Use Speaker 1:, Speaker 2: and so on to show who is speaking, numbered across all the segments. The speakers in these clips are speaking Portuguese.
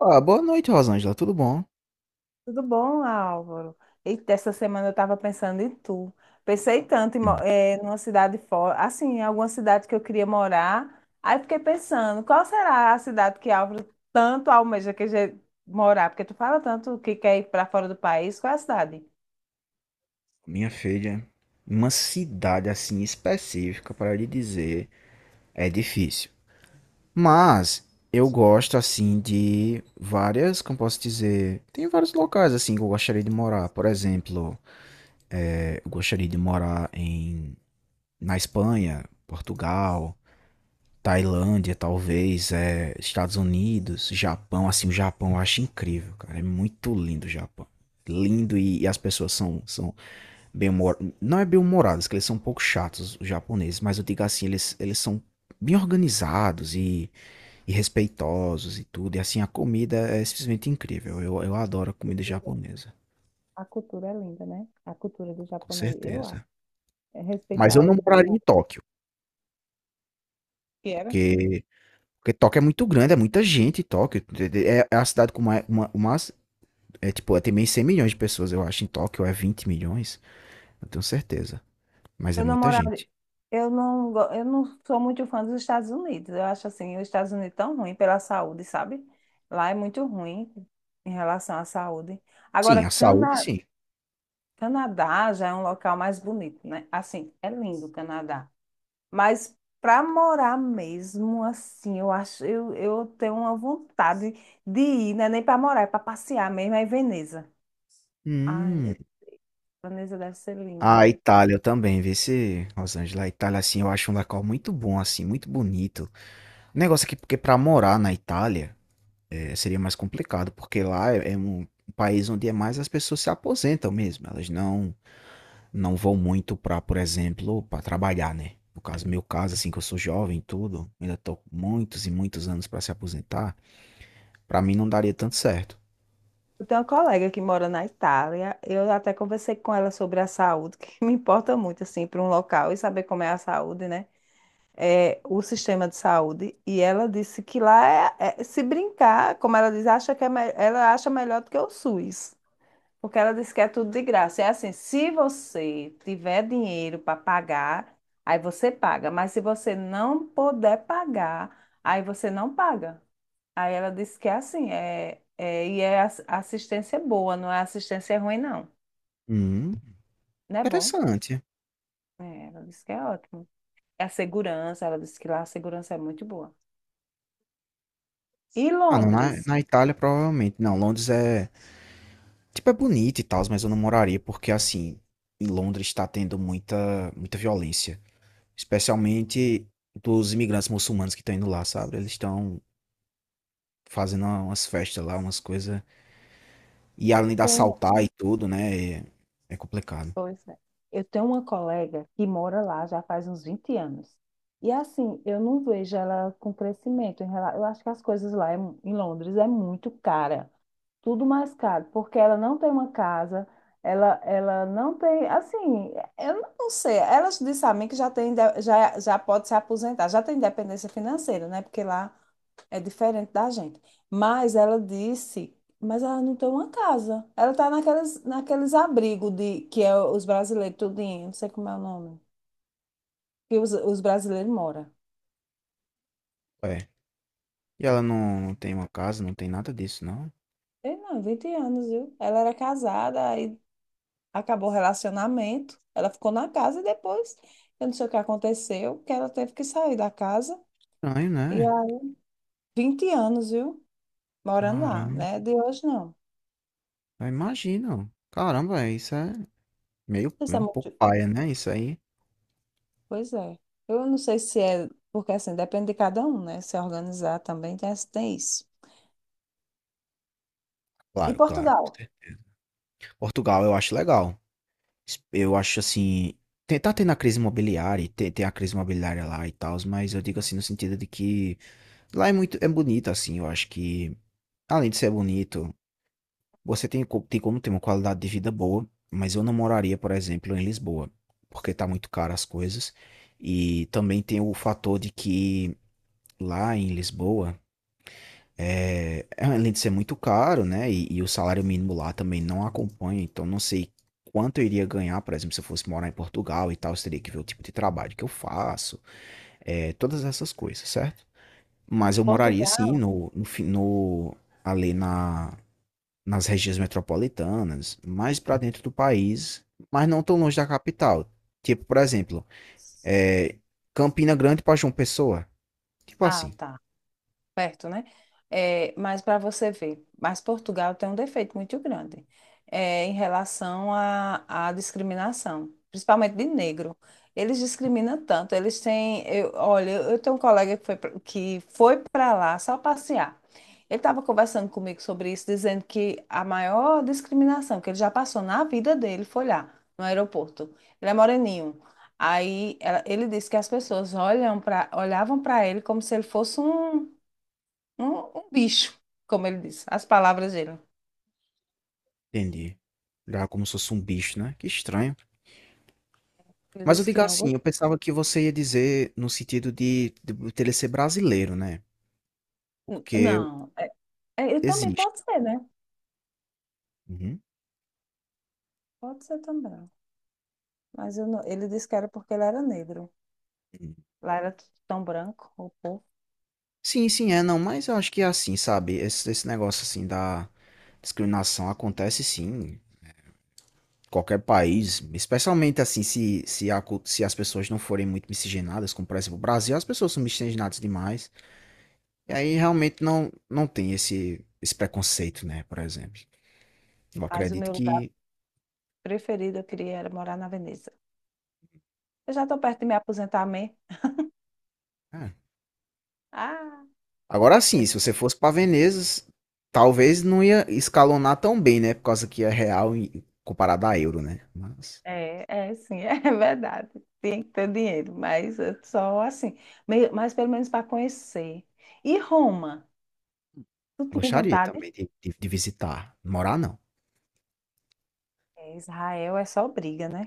Speaker 1: Ah, boa noite, Rosângela. Tudo bom?
Speaker 2: Tudo bom, Álvaro? Eita, essa semana eu estava pensando em tu. Pensei tanto em, mo-
Speaker 1: Hum.
Speaker 2: numa cidade fora, assim, em alguma cidade que eu queria morar. Aí fiquei pensando, qual será a cidade que Álvaro tanto almeja que je- morar? Porque tu fala tanto que quer ir para fora do país. Qual é a cidade?
Speaker 1: Minha filha, uma cidade assim específica para lhe dizer é difícil. Mas eu gosto assim de várias, como posso dizer, tem vários locais assim que eu gostaria de morar. Por exemplo, eu gostaria de morar na Espanha, Portugal, Tailândia, talvez, Estados Unidos, Japão. Assim, o Japão eu acho incrível, cara. É muito lindo o Japão. Lindo e as pessoas são bem humor... Não é bem humorados, que eles são um pouco chatos, os japoneses, mas eu digo assim, eles são bem organizados e respeitosos e tudo. E assim, a comida é simplesmente incrível. Eu adoro a comida
Speaker 2: Cultura.
Speaker 1: japonesa,
Speaker 2: A cultura é linda, né? A cultura do
Speaker 1: com
Speaker 2: japonês, eu acho.
Speaker 1: certeza.
Speaker 2: É
Speaker 1: Mas eu
Speaker 2: respeitar o
Speaker 1: não moraria
Speaker 2: idoso.
Speaker 1: em Tóquio, porque, porque Tóquio é muito grande, é muita gente em Tóquio. É a cidade com mais, uma, é tipo, tem meio 100 milhões de pessoas, eu acho. Em Tóquio é 20 milhões, eu tenho certeza. Mas é
Speaker 2: Eu não
Speaker 1: muita
Speaker 2: morava,
Speaker 1: gente.
Speaker 2: eu não, go- eu não sou muito fã dos Estados Unidos. Eu acho assim, os Estados Unidos tão ruim pela saúde, sabe? Lá é muito ruim em relação à saúde. Agora,
Speaker 1: Sim, a saúde,
Speaker 2: Cana,
Speaker 1: sim.
Speaker 2: Canadá já é um local mais bonito, né? Assim, é lindo o Canadá. Mas para morar mesmo, assim, eu acho, eu tenho uma vontade de ir, não é nem para morar, é para passear mesmo, é em Veneza. Ai, meu
Speaker 1: Hum.
Speaker 2: Deus, Veneza deve ser
Speaker 1: A
Speaker 2: lindo.
Speaker 1: Itália eu também, vê se Los Angeles, a Itália assim, eu acho um local muito bom assim, muito bonito. O negócio aqui, porque para morar na Itália seria mais complicado, porque lá é um país onde é mais as pessoas se aposentam mesmo, elas não vão muito para, por exemplo, para trabalhar, né? No caso, meu caso assim, que eu sou jovem, e tudo, ainda tô com muitos e muitos anos para se aposentar, para mim não daria tanto certo.
Speaker 2: Eu tenho uma colega que mora na Itália. Eu até conversei com ela sobre a saúde, que me importa muito, assim, para um local e saber como é a saúde, né? É, o sistema de saúde. E ela disse que lá é, é- se brincar, como ela diz, acha que é, me- ela acha melhor do que o SUS. Porque ela disse que é tudo de graça. É assim, se você tiver dinheiro para pagar, aí você paga. Mas se você não puder pagar, aí você não paga. Aí ela disse que é assim, é, é, e é ass- assistência é boa, não é assistência ruim, não.
Speaker 1: Hum,
Speaker 2: Não é bom?
Speaker 1: interessante.
Speaker 2: É, ela disse que é ótimo. É a segurança, ela disse que lá a segurança é muito boa. E
Speaker 1: Ah, não,
Speaker 2: Londres?
Speaker 1: na Itália provavelmente. Não, Londres é, tipo, é bonito e tal, mas eu não moraria porque, assim, em Londres está tendo muita violência. Especialmente dos imigrantes muçulmanos que estão indo lá, sabe? Eles estão fazendo umas festas lá, umas coisas. E
Speaker 2: Eu
Speaker 1: além de
Speaker 2: tenho,
Speaker 1: assaltar e tudo, né? É complicado.
Speaker 2: pois é, eu tenho uma colega que mora lá já faz uns 20 anos. E assim, eu não vejo ela com crescimento em relação, eu acho que as coisas lá é mu- em Londres é muito cara. Tudo mais caro, porque ela não tem uma casa, ela não tem, assim, eu não sei, ela disse a mim que já tem, inde- já, já pode se aposentar, já tem independência financeira, né? Porque lá é diferente da gente. Mas ela disse, mas ela não tem uma casa. Ela está naqueles, naqueles abrigos de que é os brasileiros tudinho, não sei como é o nome, que os brasileiros moram.
Speaker 1: É. E ela não tem uma casa, não tem nada disso, não?
Speaker 2: Ei, não, 20 anos, viu? Ela era casada, aí acabou o relacionamento, ela ficou na casa e depois, eu não sei o que aconteceu, que ela teve que sair da casa.
Speaker 1: Estranho,
Speaker 2: E há
Speaker 1: né?
Speaker 2: 20 anos, viu? Morando lá,
Speaker 1: Caramba.
Speaker 2: né? De hoje não.
Speaker 1: Eu imagino. Caramba, é, isso é
Speaker 2: Isso é
Speaker 1: meio um
Speaker 2: muito...
Speaker 1: pouco paia, né? Isso aí.
Speaker 2: Pois é. Eu não sei se é, porque assim, depende de cada um, né? Se organizar também tem, tem isso. E
Speaker 1: Claro, claro. Com
Speaker 2: Portugal?
Speaker 1: certeza. Portugal eu acho legal. Eu acho assim. Tá tendo a crise imobiliária, tem a crise imobiliária lá e tal, mas eu digo assim no sentido de que lá é muito, é bonito, assim, eu acho que, além de ser bonito, você tem como ter uma qualidade de vida boa, mas eu não moraria, por exemplo, em Lisboa, porque tá muito caro as coisas, e também tem o fator de que lá em Lisboa, além de ser muito caro, né? E o salário mínimo lá também não acompanha, então não sei quanto eu iria ganhar, por exemplo, se eu fosse morar em Portugal e tal, eu teria que ver o tipo de trabalho que eu faço, todas essas coisas, certo? Mas eu moraria sim
Speaker 2: Portugal?
Speaker 1: ali nas regiões metropolitanas, mais para dentro do país, mas não tão longe da capital. Tipo, por exemplo, é, Campina Grande para João Pessoa, tipo
Speaker 2: Ah,
Speaker 1: assim,
Speaker 2: tá. Perto, né? É, mas para você ver, mas Portugal tem um defeito muito grande é, em relação à à discriminação, principalmente de negro. Eles discriminam tanto, eles têm, eu, olha, eu tenho um colega que foi, pra- que foi para lá só passear. Ele estava conversando comigo sobre isso, dizendo que a maior discriminação que ele já passou na vida dele foi lá, no aeroporto. Ele é moreninho. Aí ela- ele disse que as pessoas olham pra, olhavam para ele como se ele fosse um um, um bicho, como ele disse, as palavras dele.
Speaker 1: entendi. Já como se fosse um bicho, né? Que estranho.
Speaker 2: Ele
Speaker 1: Mas eu
Speaker 2: disse que
Speaker 1: digo
Speaker 2: não
Speaker 1: assim, eu
Speaker 2: gostou.
Speaker 1: pensava que você ia dizer no sentido de dele ser brasileiro, né,
Speaker 2: N-
Speaker 1: porque
Speaker 2: Não, é, é, eu também
Speaker 1: existe.
Speaker 2: pode ser, né?
Speaker 1: Uhum,
Speaker 2: Pode ser também. Mas eu não- ele disse que era porque ele era negro.
Speaker 1: uhum.
Speaker 2: Lá era tudo tão branco, o povo.
Speaker 1: Sim, sim, é, não, mas eu acho que é assim, sabe, esse negócio, assim, da discriminação acontece sim, em qualquer país, especialmente, assim, se se a cul se as pessoas não forem muito miscigenadas, como, por exemplo, o Brasil, as pessoas são miscigenadas demais, e aí realmente não tem esse preconceito, né, por exemplo. Eu
Speaker 2: Mas o
Speaker 1: acredito
Speaker 2: meu lugar
Speaker 1: que
Speaker 2: preferido, eu queria era morar na Veneza. Eu já estou perto de me aposentar mesmo.
Speaker 1: é.
Speaker 2: Ah,
Speaker 1: Agora
Speaker 2: é,
Speaker 1: sim, se você fosse para Veneza, talvez não ia escalonar tão bem, né? Por causa que é real e comparado a euro, né? Mas
Speaker 2: é, é, sim, é verdade. Tem que ter dinheiro, mas é só assim. Meio, mas pelo menos para conhecer. E Roma? Tu tinha
Speaker 1: gostaria
Speaker 2: vontade?
Speaker 1: também de, de visitar. Morar não.
Speaker 2: É, Israel é só briga, né?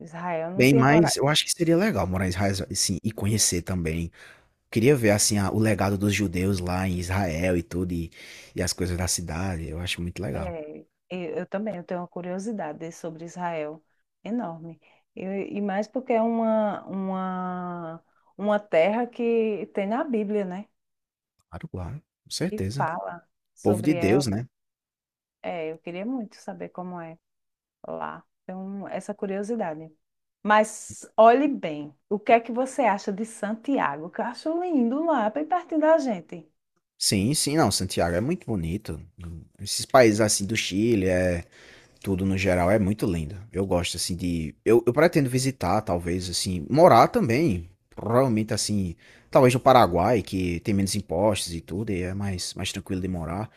Speaker 2: Israel não
Speaker 1: Bem,
Speaker 2: tinha
Speaker 1: mas
Speaker 2: coragem.
Speaker 1: eu acho que seria legal morar em Israel, assim, e conhecer também. Queria ver, assim, o legado dos judeus lá em Israel e tudo, e as coisas da cidade. Eu acho muito legal.
Speaker 2: É, eu também, eu tenho uma curiosidade sobre Israel enorme. Eu- e mais porque é uma terra que tem na Bíblia, né?
Speaker 1: Claro, claro. Com
Speaker 2: E
Speaker 1: certeza.
Speaker 2: fala
Speaker 1: Povo
Speaker 2: sobre
Speaker 1: de
Speaker 2: ela.
Speaker 1: Deus, né?
Speaker 2: É, eu queria muito saber como é lá. Então, essa curiosidade. Mas olhe bem, o que é que você acha de Santiago? Que eu acho lindo lá, bem pertinho da gente.
Speaker 1: Sim, sim, não. Santiago é muito bonito. Esses países, assim, do Chile, é. Tudo no geral é muito lindo. Eu gosto, assim, de. Eu pretendo visitar, talvez, assim. Morar também. Provavelmente, assim. Talvez no Paraguai, que tem menos impostos e tudo, e é mais, mais tranquilo de morar.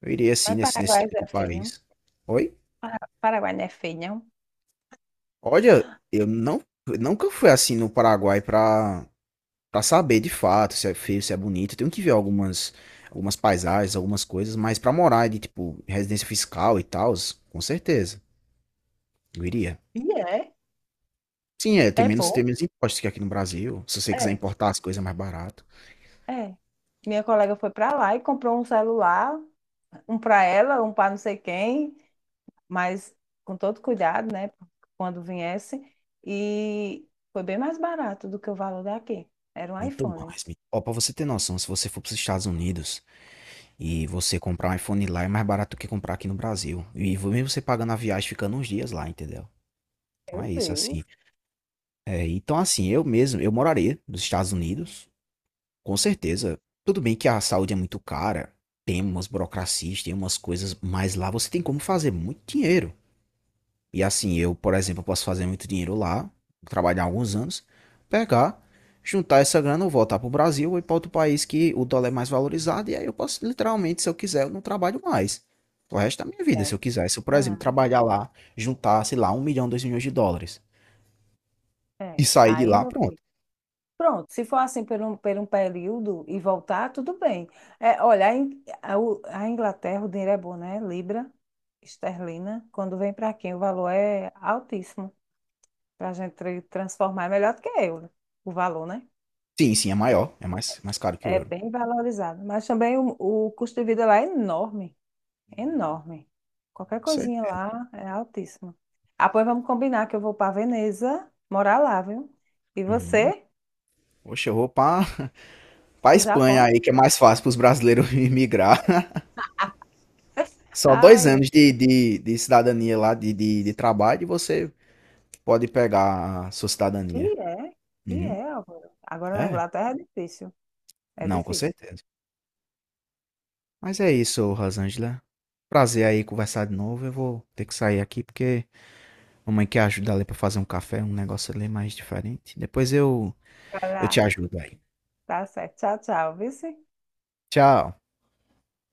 Speaker 1: Eu iria, assim,
Speaker 2: Mas
Speaker 1: nesse
Speaker 2: Paraguai
Speaker 1: tipo de
Speaker 2: é feio, não?
Speaker 1: país. Oi?
Speaker 2: Para- Paraguai não é feio, não?
Speaker 1: Olha, eu nunca fui assim no Paraguai pra saber de fato se é feio, se é bonito. Eu tenho que ver algumas paisagens, algumas coisas, mas pra morar de, tipo, residência fiscal e tal, com certeza. Eu iria.
Speaker 2: E é.
Speaker 1: Sim, é,
Speaker 2: É
Speaker 1: tem
Speaker 2: bom.
Speaker 1: menos impostos que aqui no Brasil, se você quiser
Speaker 2: É.
Speaker 1: importar as coisas é mais barato,
Speaker 2: É. Minha colega foi para lá e comprou um celular, um para ela, um para não sei quem, mas com todo cuidado, né? Quando viesse. E foi bem mais barato do que o valor daqui. Era um
Speaker 1: muito
Speaker 2: iPhone.
Speaker 1: mais me ó, pra você ter noção, se você for para os Estados Unidos e você comprar um iPhone lá é mais barato do que comprar aqui no Brasil, e vo mesmo você pagando a viagem ficando uns dias lá, entendeu. Então
Speaker 2: Meu
Speaker 1: é isso,
Speaker 2: Deus.
Speaker 1: assim, então assim, eu mesmo, eu moraria nos Estados Unidos, com certeza, tudo bem que a saúde é muito cara, tem umas burocracias, tem umas coisas, mas lá você tem como fazer muito dinheiro. E assim, eu, por exemplo, posso fazer muito dinheiro lá, trabalhar alguns anos, pegar, juntar essa grana, eu voltar para o Brasil ou ir para outro país que o dólar é mais valorizado, e aí eu posso, literalmente, se eu quiser, eu não trabalho mais. O resto da minha vida,
Speaker 2: É.
Speaker 1: se eu quiser. Se eu, por
Speaker 2: Ah,
Speaker 1: exemplo, trabalhar lá, juntar, sei lá, 1 milhão, 2 milhões de dólares e
Speaker 2: é.
Speaker 1: sair de
Speaker 2: Aí,
Speaker 1: lá,
Speaker 2: meu filho.
Speaker 1: pronto.
Speaker 2: Pronto, se for assim por um período e voltar, tudo bem. É, olha, a, In- a U- a Inglaterra, o dinheiro é bom, né? Libra, esterlina. Quando vem para quem, o valor é altíssimo. Para a gente tra- transformar, é melhor do que euro, o valor, né?
Speaker 1: Sim, sim, é maior, é mais, mais caro que o
Speaker 2: É
Speaker 1: euro.
Speaker 2: bem valorizado. Mas também o custo de vida lá é enorme, enorme. Qualquer
Speaker 1: Você?
Speaker 2: coisinha lá é altíssimo. Ah, pois vamos combinar que eu vou para Veneza morar lá, viu? E
Speaker 1: Uhum.
Speaker 2: você,
Speaker 1: Poxa, eu vou pra, pra
Speaker 2: o
Speaker 1: Espanha
Speaker 2: Japão?
Speaker 1: aí, que é mais fácil pros brasileiros migrar. Só dois
Speaker 2: Ai, meu.
Speaker 1: anos de cidadania lá, de trabalho, e você pode pegar a sua
Speaker 2: E
Speaker 1: cidadania.
Speaker 2: é, e
Speaker 1: Uhum.
Speaker 2: é, Álvaro. Agora na
Speaker 1: É?
Speaker 2: Inglaterra é difícil, é
Speaker 1: Não, com
Speaker 2: difícil.
Speaker 1: certeza. Mas é isso, Rosângela. Prazer aí conversar de novo. Eu vou ter que sair aqui porque mamãe quer ajudar ali pra fazer um café, um negócio ali mais diferente. Depois eu
Speaker 2: Vai
Speaker 1: te
Speaker 2: lá.
Speaker 1: ajudo aí.
Speaker 2: Tá certo. Tchau, tchau, vice.
Speaker 1: Tchau.